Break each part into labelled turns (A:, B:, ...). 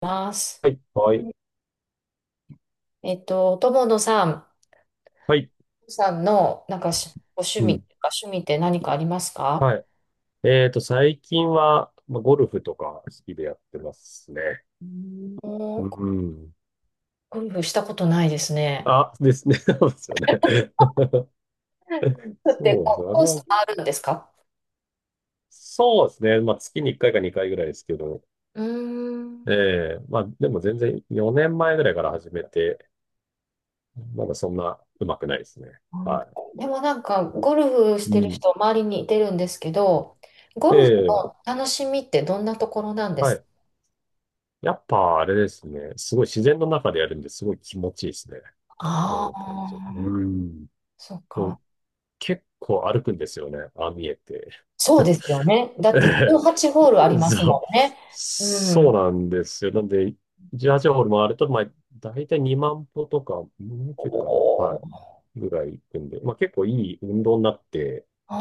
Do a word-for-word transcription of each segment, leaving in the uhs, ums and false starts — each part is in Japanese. A: ます。
B: はい。はい。
A: えっと、友野さん、
B: はい。
A: さんの、なんかし、ご趣
B: う
A: 味
B: ん。
A: とか、趣味って何かありますか？
B: はい。えっと、最近は、まあ、ゴルフとか好きでやってますね。
A: う
B: う
A: ーん。
B: ん。
A: ゴルフしたことないですね。
B: あ、ですね。そうですよね。
A: ゴルフって、
B: そうです
A: こ
B: ね。
A: う
B: 私
A: コース
B: も、
A: あるんですか？
B: そうですね。まあ、月にいっかいかにかいぐらいですけど、
A: うーん。
B: ええまあ、でも全然よねんまえぐらいから始めて、まだそんな上手くないですね。
A: あ
B: は
A: ーでもなんか、ゴルフし
B: い。う
A: てる
B: ん。
A: 人、周りにいてるんですけど、ゴルフ
B: え
A: の
B: え
A: 楽しみってどんなところなんで
B: は
A: すか？
B: い。やっぱあれですね。すごい自然の中でやるんですごい気持ちいいですね。
A: あ
B: うん、単純に。
A: あー、
B: うん。
A: そっ
B: そう
A: か。
B: 結構歩くんですよね。ああ見えて。
A: そうですよね。だ って、
B: え
A: じゅうはちホールあり
B: え
A: ます
B: そう。
A: もんね。う
B: そ
A: ん。
B: うなんですよ。なんで、じゅうはちホールホール回ると、まあ、だいたいにまん歩とか、もう
A: お
B: ちょいかな。は
A: ー。
B: い。ぐらい行くんで、まあ結構いい運動になって、
A: あ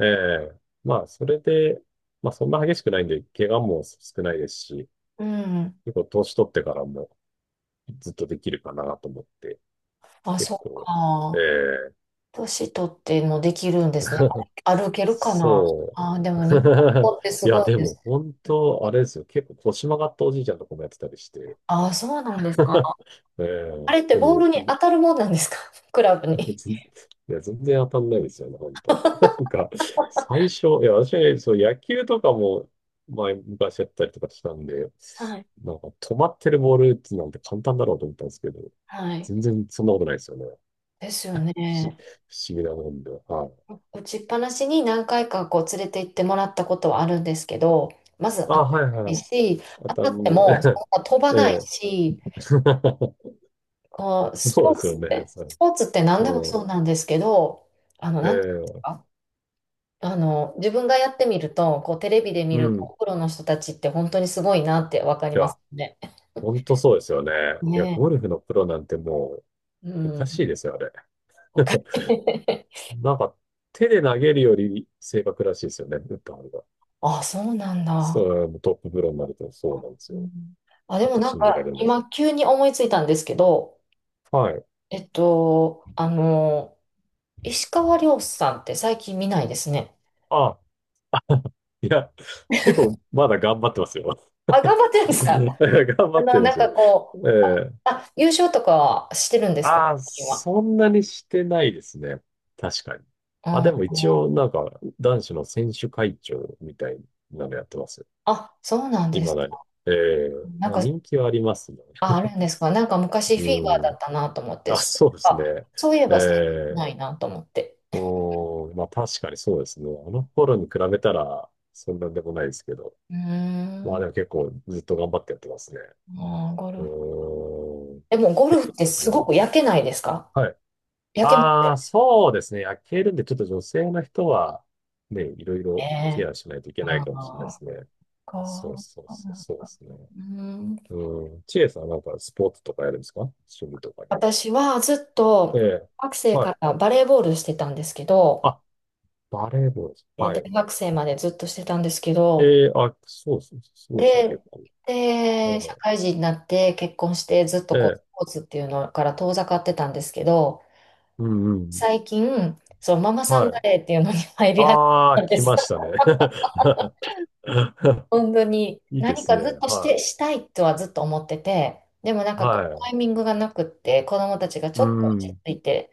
B: え
A: ー。
B: えまあそれで、まあそんな激しくないんで、怪我も少ないですし、
A: うん。
B: 結構年取ってからもずっとできるかなと思って、
A: あ、
B: 結
A: そっ
B: 構、え
A: か。
B: え
A: 年取ってもできるんですね。歩けるかな。
B: そう。
A: あー、でも日本語 ってす
B: い
A: ご
B: や、
A: い
B: で
A: です。
B: も本当、あれですよ。結構腰曲がったおじいちゃんとかもやってたりして。
A: ああ、そうなんです か。
B: え
A: あ
B: え
A: れって
B: で
A: ボー
B: も、
A: ルに
B: い
A: 当 たるもんなんですか？ クラブに。
B: 全いや、全然当たんないですよね、本当。なんか、最初、いや、私、そう、野球とかも、前、昔やったりとかしたんで、
A: はい。
B: なんか、止まってるボール打つなんて簡単だろうと思ったんですけど、
A: はい。
B: 全然そんなことないですよね。
A: ですよね。
B: 不思、不思議なもんで。はい。
A: 打ちっぱなしに何回かこう連れて行ってもらったことはあるんですけど、まず当
B: あ、
A: たら
B: はい
A: な
B: は
A: い
B: い。
A: し、
B: 当
A: 当
B: た
A: たって
B: ん、
A: もそんな飛 ば
B: え
A: ない
B: え
A: し、こう、ス
B: そう
A: ポ
B: で
A: ー
B: すよ
A: ツっ
B: ね。
A: て、
B: そ
A: スポー
B: う、
A: ツって何でも
B: う
A: そ
B: ん。
A: うなんですけど、あの、なんていうんです
B: ええ
A: か？あの、自分がやってみると、こう、テレビで見
B: う
A: る
B: ん。い
A: プロの人たちって本当にすごいなってわかります
B: や、
A: ね。
B: 本当そうですよね。いや、ゴ
A: ね
B: ルフのプロなんても
A: え。う
B: う、おか
A: ん。
B: しいですよ、あれ。
A: わかる。
B: なんか、手で投げるより正確らしいですよね、打った方が。
A: あ、そうなんだ。
B: そう、トッププロになるとそうなんです
A: う
B: よ。
A: ん。あ、で
B: ちょっ
A: も
B: と
A: なん
B: 信じら
A: か、
B: れないです
A: 今
B: ね。
A: 急に思いついたんですけど、
B: はい。
A: えっと、あの、石川遼さんって最近見ないですね。
B: あ、いや、結構まだ頑張ってますよ。
A: あ、頑 張ってるんですか？
B: 頑張
A: あ
B: っ
A: の、
B: てま
A: なん
B: す
A: か
B: よ。
A: こう、
B: ええ
A: あ、優勝とかはしてるんですか、
B: ああ、
A: 最近は？
B: そんなにしてないですね。確かに。
A: う
B: まあ、でも一
A: ん。
B: 応、なんか、男子の選手会長みたいなのやってますよ。
A: あ、そうなんで
B: 今
A: す
B: だに。
A: か。
B: え
A: なん
B: え
A: か、
B: 人気はありますね。
A: あ、あるんですか。なんか昔フィーバーだ
B: う
A: っ
B: ん。
A: たなと思って、
B: あ、
A: そう
B: そう
A: い
B: で
A: え
B: す
A: ば、
B: ね。
A: そういえ
B: え
A: ば最近
B: え
A: ないなと思って。
B: うん。まあ確かにそうですね。あの頃に比べたら、そんなんでもないですけど。
A: うー
B: まあ
A: ん、
B: でも結構ずっと頑張ってやってますね。
A: あー、ゴ
B: う
A: ルフ。
B: ん。
A: でもゴル
B: 結
A: フっ
B: 構、
A: て
B: なんか
A: すご
B: 今、
A: く焼けないですか？
B: はい。
A: 焼けます
B: あ
A: よ
B: あ、そうですね。焼けるんで、ちょっと女性の人は、ね、いろいろケ
A: ね。
B: アしないといけない
A: あ
B: かもしれないで
A: ー
B: すね。そう
A: か。
B: そうそう、そうですね。
A: うーん、
B: うん。チエさんなんかスポーツとかやるんですか？趣味とかには。
A: 私はずっ
B: え
A: と
B: え。
A: 学生
B: は
A: か
B: い。
A: らバレーボールしてたんですけど、
B: あ、バレーボールです。
A: で
B: は
A: 大
B: い。
A: 学生までずっとしてたんですけど、
B: ええ、あ、そうです。すごいですね、
A: で、
B: 結構。
A: で、社
B: は
A: 会人になって結婚してずっ
B: い。え
A: とこうス
B: え。
A: ポーツっていうのから遠ざかってたんですけど、
B: うんうん。
A: 最近、そう、ママさん
B: は
A: バ
B: い。
A: レーっていうのに 入り始
B: ああ、
A: めたんで
B: 来
A: す。
B: ました ね。
A: 本当に、
B: いいで
A: 何
B: す
A: か
B: ね。
A: ずっとして、
B: は
A: したいとはずっと思ってて、でもなん
B: い。
A: かこう、
B: は
A: タ
B: い。
A: イミングがなくって、子供たちがち
B: う
A: ょっと落ち
B: ん。
A: 着いて、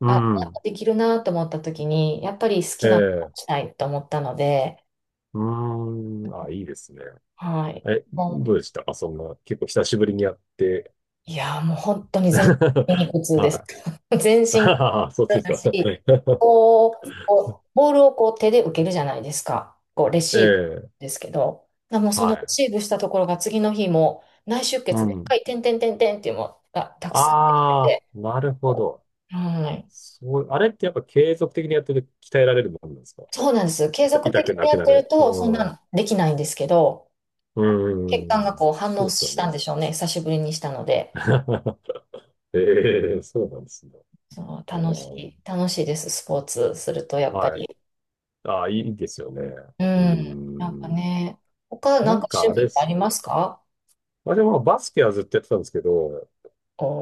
B: う
A: あ、なん
B: ん。
A: かできるなと思った時に、やっぱり好
B: え
A: きなことを
B: え。
A: したいと思ったので、
B: うーん、あ、いいですね。
A: はい。
B: え、ど
A: も
B: うでしたか？そんな、結構久しぶりにやって。
A: う、いやー、もう本当に全身筋肉 痛です。
B: は
A: 全
B: い。
A: 身
B: ああそうです
A: 痛い
B: か。
A: し、こう、こうボールをこう手で受けるじゃないですか。こうレ
B: え
A: シーブ
B: え、
A: ですけど、あもうその
B: は
A: レ
B: い。
A: シーブしたところが次の日も内出
B: う
A: 血で
B: ん。
A: 赤い点点点点っていうのがたくさんできて
B: あ
A: て、
B: あ、なるほど。
A: はい。
B: そう、あれってやっぱ継続的にやってると鍛えられるもんなんですか？
A: そうなんです。継
B: 痛、
A: 続
B: 痛
A: 的
B: く
A: に
B: な
A: や
B: く
A: っ
B: な
A: てる
B: る。う
A: とそんな
B: ん。う
A: のできないんですけど、
B: ー
A: 血管が
B: ん。
A: こう反
B: そ
A: 応
B: うですよ
A: したん
B: ね。
A: でしょうね。久しぶりにしたので。
B: ええそうなんですね。
A: そう、
B: う
A: 楽しい、
B: ん
A: 楽しいです。スポーツするとやっぱ
B: はい。
A: り。
B: ああ、いいですよね。
A: う
B: うー
A: ん。なんか
B: ん。
A: ね、他な
B: な
A: んか
B: ん
A: 趣
B: かあれ
A: 味
B: で
A: ってあり
B: す。
A: ますか？
B: まあでもまあバスケはずっとやってたんですけど、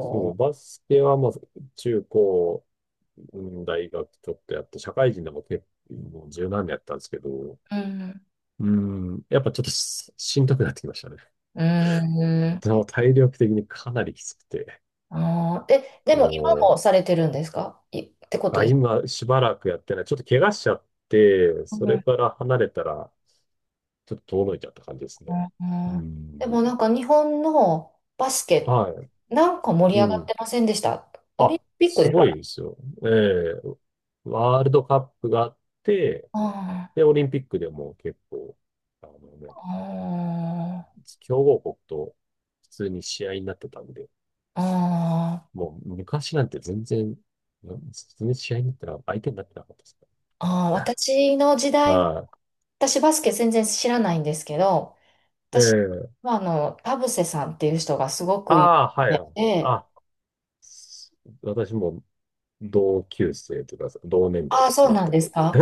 B: そう、
A: ー。
B: バスケはまあ中高、うん大学ちょっとやって、社会人でも結構もう十何年やったんですけど、
A: うん。
B: うん、やっぱちょっとし、しんどくなってきましたね。
A: うーん。
B: でも体力的にかなりきつくて、
A: あー、で、でも今
B: も
A: もされてるんですかい、ってこ
B: う、
A: と
B: あ、
A: です。
B: 今しばらくやってない。ちょっと怪我しちゃって、
A: う
B: そ
A: ん、う
B: れ
A: ん、
B: から離れたら、ちょっと遠のいちゃった感じですね。
A: う
B: う
A: ん。でも
B: ん。
A: なんか日本のバスケ、
B: は
A: なんか盛
B: い。
A: り
B: う
A: 上がっ
B: ん。
A: てませんでした、オリン
B: あ、
A: ピックで
B: す
A: すか
B: ごい
A: ね？
B: ですよ。ええワールドカップがあって、
A: あ
B: で、オリンピックでも結構、あのね、
A: あ、
B: 強豪国と普通に試合になってたんで、
A: あー
B: もう昔なんて全然、うん普通に試合になったら相手になってなかったですね。
A: あー、私の時代は、
B: は
A: 私バスケ全然知らないんですけど、私
B: い。ええ
A: はあの、田臥さんっていう人がすご
B: あ
A: く有
B: あ、はい
A: 名
B: はい。
A: で、
B: あ、す私も同級生というか、同年代
A: ああ、
B: です、
A: そう
B: 全
A: なんです
B: く。
A: か。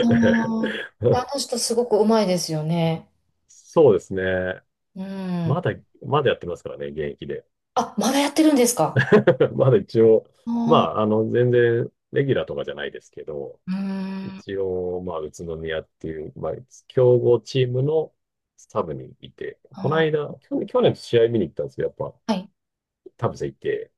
A: あ ー、
B: え
A: あ
B: え
A: の人すごくうまいですよね。
B: そうですね。
A: う
B: ま
A: ん。
B: だ、まだやってますからね、現役で。
A: あ、まだやってるんですか？
B: まだ一応、
A: あ
B: まあ、あ
A: ー。
B: の、全然、レギュラーとかじゃないですけど、
A: うーん。
B: 一応、まあ、宇都宮っていう、まあ、強豪チームのサブにいて、この
A: あ
B: 間、去年、去年試合見に行ったんですけど、やっぱ、
A: ー、はい、
B: 田臥いて、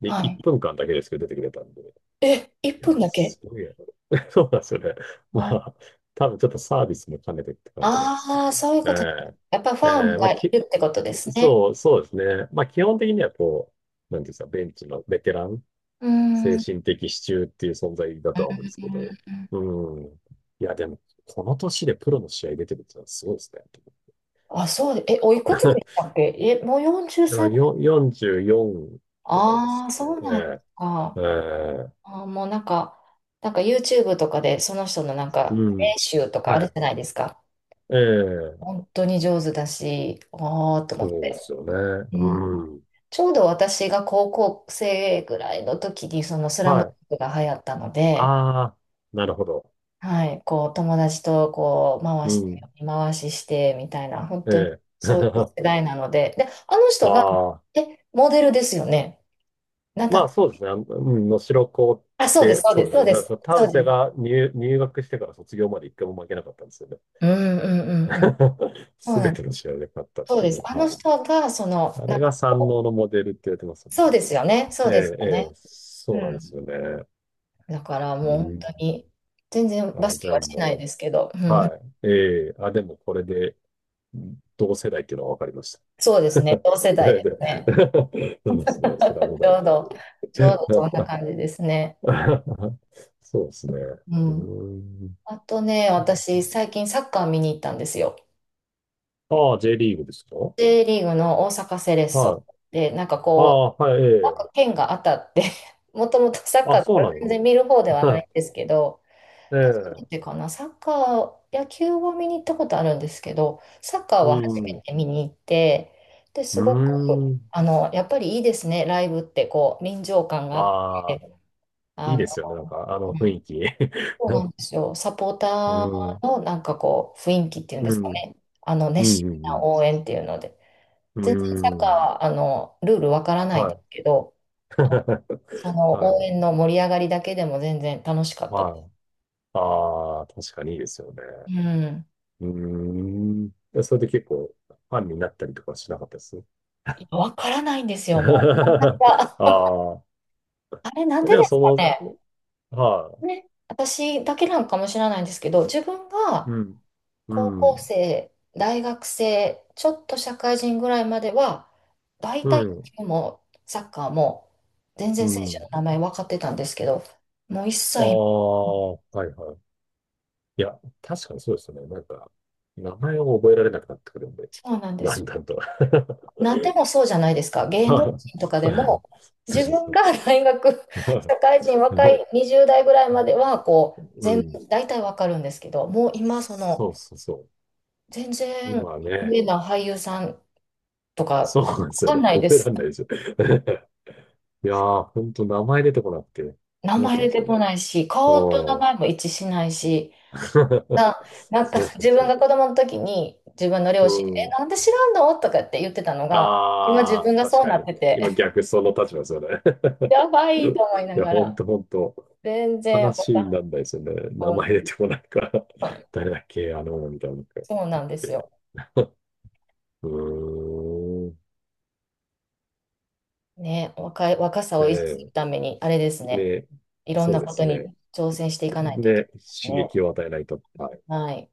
B: で、
A: は
B: 1
A: い。
B: 分間だけですけど出てくれたんで、
A: え、1
B: いや、
A: 分だけ？
B: すごいやろ。そうなんですよね。ま
A: もう。
B: あ、多分ちょっとサービスも兼ねてって感じなんで
A: あ
B: すけど。
A: あー、そういう
B: え
A: こと。やっぱフ
B: え、
A: ァ
B: え
A: ン
B: え、ま
A: が
B: あ、
A: い
B: き、
A: るってことですね。
B: そう、そうですね。まあ、基本的にはこう、なんていうんですか、ベンチのベテラン
A: うーん、
B: 精
A: うん。
B: 神的支柱っていう存在だとは思うんですけど。うん。いや、でも、この年でプロの試合出てるってのはすごいですね。
A: あ、そうで、え、おい く
B: だ
A: つで
B: か
A: したっけえ、もう40
B: ら
A: 歳。
B: よよんじゅうよんとかです
A: ああ、
B: かね。
A: そうなんです
B: ええ
A: か。
B: ええ
A: あー、もうなんか、なんか、 YouTube とかでその人のなんか
B: う
A: 練
B: ん。
A: 習とかある
B: は
A: じ
B: い。
A: ゃないですか。
B: ええ
A: 本当に上手だし、ああ、と思
B: そ
A: っ
B: うで
A: て。
B: すよね。うん。
A: ちょうど私が高校生ぐらいの時にそのスラム
B: はい。
A: ダンクが流行ったの
B: あ
A: で、
B: あ、なるほど。
A: はい、こう友達とこう回
B: う
A: して、
B: ん。
A: 見回ししてみたいな、本当に
B: ええ
A: そういう世 代なので、で、あの人が、
B: ああ、
A: え、モデルですよね。なんだ
B: ま
A: っ
B: あそうですね。あのうん、能代高っ
A: たあ、そうです、
B: て、
A: そうで
B: そう
A: す、
B: で
A: そ
B: す
A: う
B: ね。だ
A: で
B: から
A: す、
B: その田
A: そう
B: 臥
A: です。
B: が入、入学してから卒業まで一回も負けなかったんですよね。
A: うん、うん、うん、うん。そう
B: す
A: な
B: べ
A: んで
B: て
A: す。
B: の試合で勝ったっ
A: そう
B: てい
A: です。
B: う。
A: あ
B: は
A: の人
B: い。
A: が、その、
B: あ
A: なん
B: れ
A: か、
B: が三能のモデルって言われてますよね、
A: そうです
B: 確かに。
A: よね、そ
B: え
A: うです
B: え、
A: よ
B: え
A: ね。
B: え、
A: う
B: そうなんで
A: ん。
B: すよね。
A: だからも
B: う
A: う本
B: ん。
A: 当に、全然バ
B: あ、
A: ス
B: じゃ
A: ケ
B: あ
A: はしない
B: も
A: ですけど、う
B: う、
A: ん、
B: はい。ええ、あ、でもこれで、うん同世代っていうのは分かりまし
A: そうで
B: た。
A: す ね。同世代で
B: ね
A: すね。
B: ね そうですね、スラム ダ
A: ち
B: ン
A: ょうど、
B: ク。
A: ちょうどそんな感じですね。
B: そうですね。
A: う
B: うー
A: ん。
B: ん。
A: あとね、私、最近サッカー見に行ったんですよ。
B: ああ、J リーグですか？はい。
A: J リーグの大阪セレッソで、なんか
B: あ
A: こ
B: あ、はい、え
A: う、なんか
B: え。
A: 県が当たって もともとサッカ
B: あ、
A: ーとか
B: そうな
A: 全然見る方ではないん
B: の。
A: ですけど、
B: え
A: 初めて
B: え。
A: かな、サッカー、野球は見に行ったことあるんですけど、サッカー
B: う
A: は初め
B: ん。
A: て見に行って、で、
B: う
A: す
B: ー
A: ごく、
B: ん。
A: あの、やっぱりいいですね、ライブって、こう、臨場感があって。
B: ああ、い
A: あ
B: い
A: の
B: ですよね。なんか、あ
A: う
B: の雰
A: ん、
B: 囲気。
A: そうなんですよ。サポータ
B: うん。
A: ーのなんかこう、雰囲気っていうんで
B: う
A: すか
B: ん。
A: ね。あの、
B: う
A: 熱
B: ん。
A: 心
B: う
A: な
B: ん。
A: 応援っていうので。
B: う
A: 全然サッ
B: ん。う
A: カー
B: ん。
A: は、あの、ルールわからないん
B: は
A: です
B: い。
A: けど、あ、その
B: は
A: 応
B: い。
A: 援の盛り上がりだけでも全然楽しかったです。
B: はい。ああ、確かにいいですよね。
A: うん。
B: うーん。でそれで結構、ファンになったりとかしなかったです
A: いやわからないんですよ、もう。い
B: あ
A: や、
B: あ。
A: あれなんで
B: で
A: で
B: も、
A: す
B: そ
A: かね。
B: の、は
A: ね、私だけなんかもしれないんですけど、自分
B: い。う
A: が
B: ん。
A: 高
B: う
A: 校
B: ん。
A: 生、大学生、ちょっと社会人ぐらいまでは、大
B: う
A: 体野
B: ん。
A: 球もサッカーも全
B: う
A: 然選手の
B: ん。
A: 名前分かってたんですけど、もう一
B: あ
A: 切。
B: あ、はいはい。いや、確かにそうですよね。なんか、名前を覚えられなくなってくるんで、
A: そうなんで
B: だ
A: すよ。
B: んだんと。
A: なんでもそうじゃないですか。芸
B: そ
A: 能
B: う
A: 人とかでも、
B: そう
A: 自分が
B: そ
A: 大学、
B: う。
A: 社会人、若い
B: も
A: にじゅう代ぐらいまでは、こう、
B: う、う
A: 全
B: ん。
A: 部、大体分かるんですけど、もう今、その、
B: そうそうそ
A: 全
B: う。
A: 然、
B: 今
A: 有
B: ね、
A: 名な俳優さんとか、
B: そうなんで
A: 分
B: すよ
A: か
B: ね。
A: んないで
B: 覚えら
A: す。
B: れないですよ。いやー、ほんと名前出てこなくて、
A: 名
B: 困っ
A: 前
B: ちゃうん
A: 出
B: です
A: て
B: よね。
A: こないし、顔と名
B: うん。
A: 前も一致しないし、あ、なんか
B: そうそう
A: 自分
B: そ
A: が子供の時に自分の
B: う。
A: 両親、
B: う
A: え、
B: ん。
A: なんで知らんのとかって言ってたのが、今自
B: あ
A: 分
B: あ、
A: が
B: 確
A: そう
B: か
A: なっ
B: に。
A: てて、
B: 今 逆その立場ですよね。
A: やばいと思い な
B: いや、
A: が
B: ほん
A: ら、
B: とほんと。
A: 全然わ
B: 話
A: かん。
B: になんないですよね。名
A: そうなん
B: 前
A: で
B: 出
A: す。
B: てこないから
A: はい。
B: 誰だっけあの、みたいなのが
A: そう
B: あっ
A: なんです
B: て。
A: よ。
B: うーん。
A: ね、若い、若さを維持する
B: ね。
A: ために、あれです
B: ね
A: ね、
B: えで、
A: いろん
B: そう
A: な
B: で
A: こと
B: す
A: に
B: ね。
A: 挑戦していかないといけ
B: で、刺
A: ないです
B: 激
A: ね。
B: を与えないと、あ
A: はい。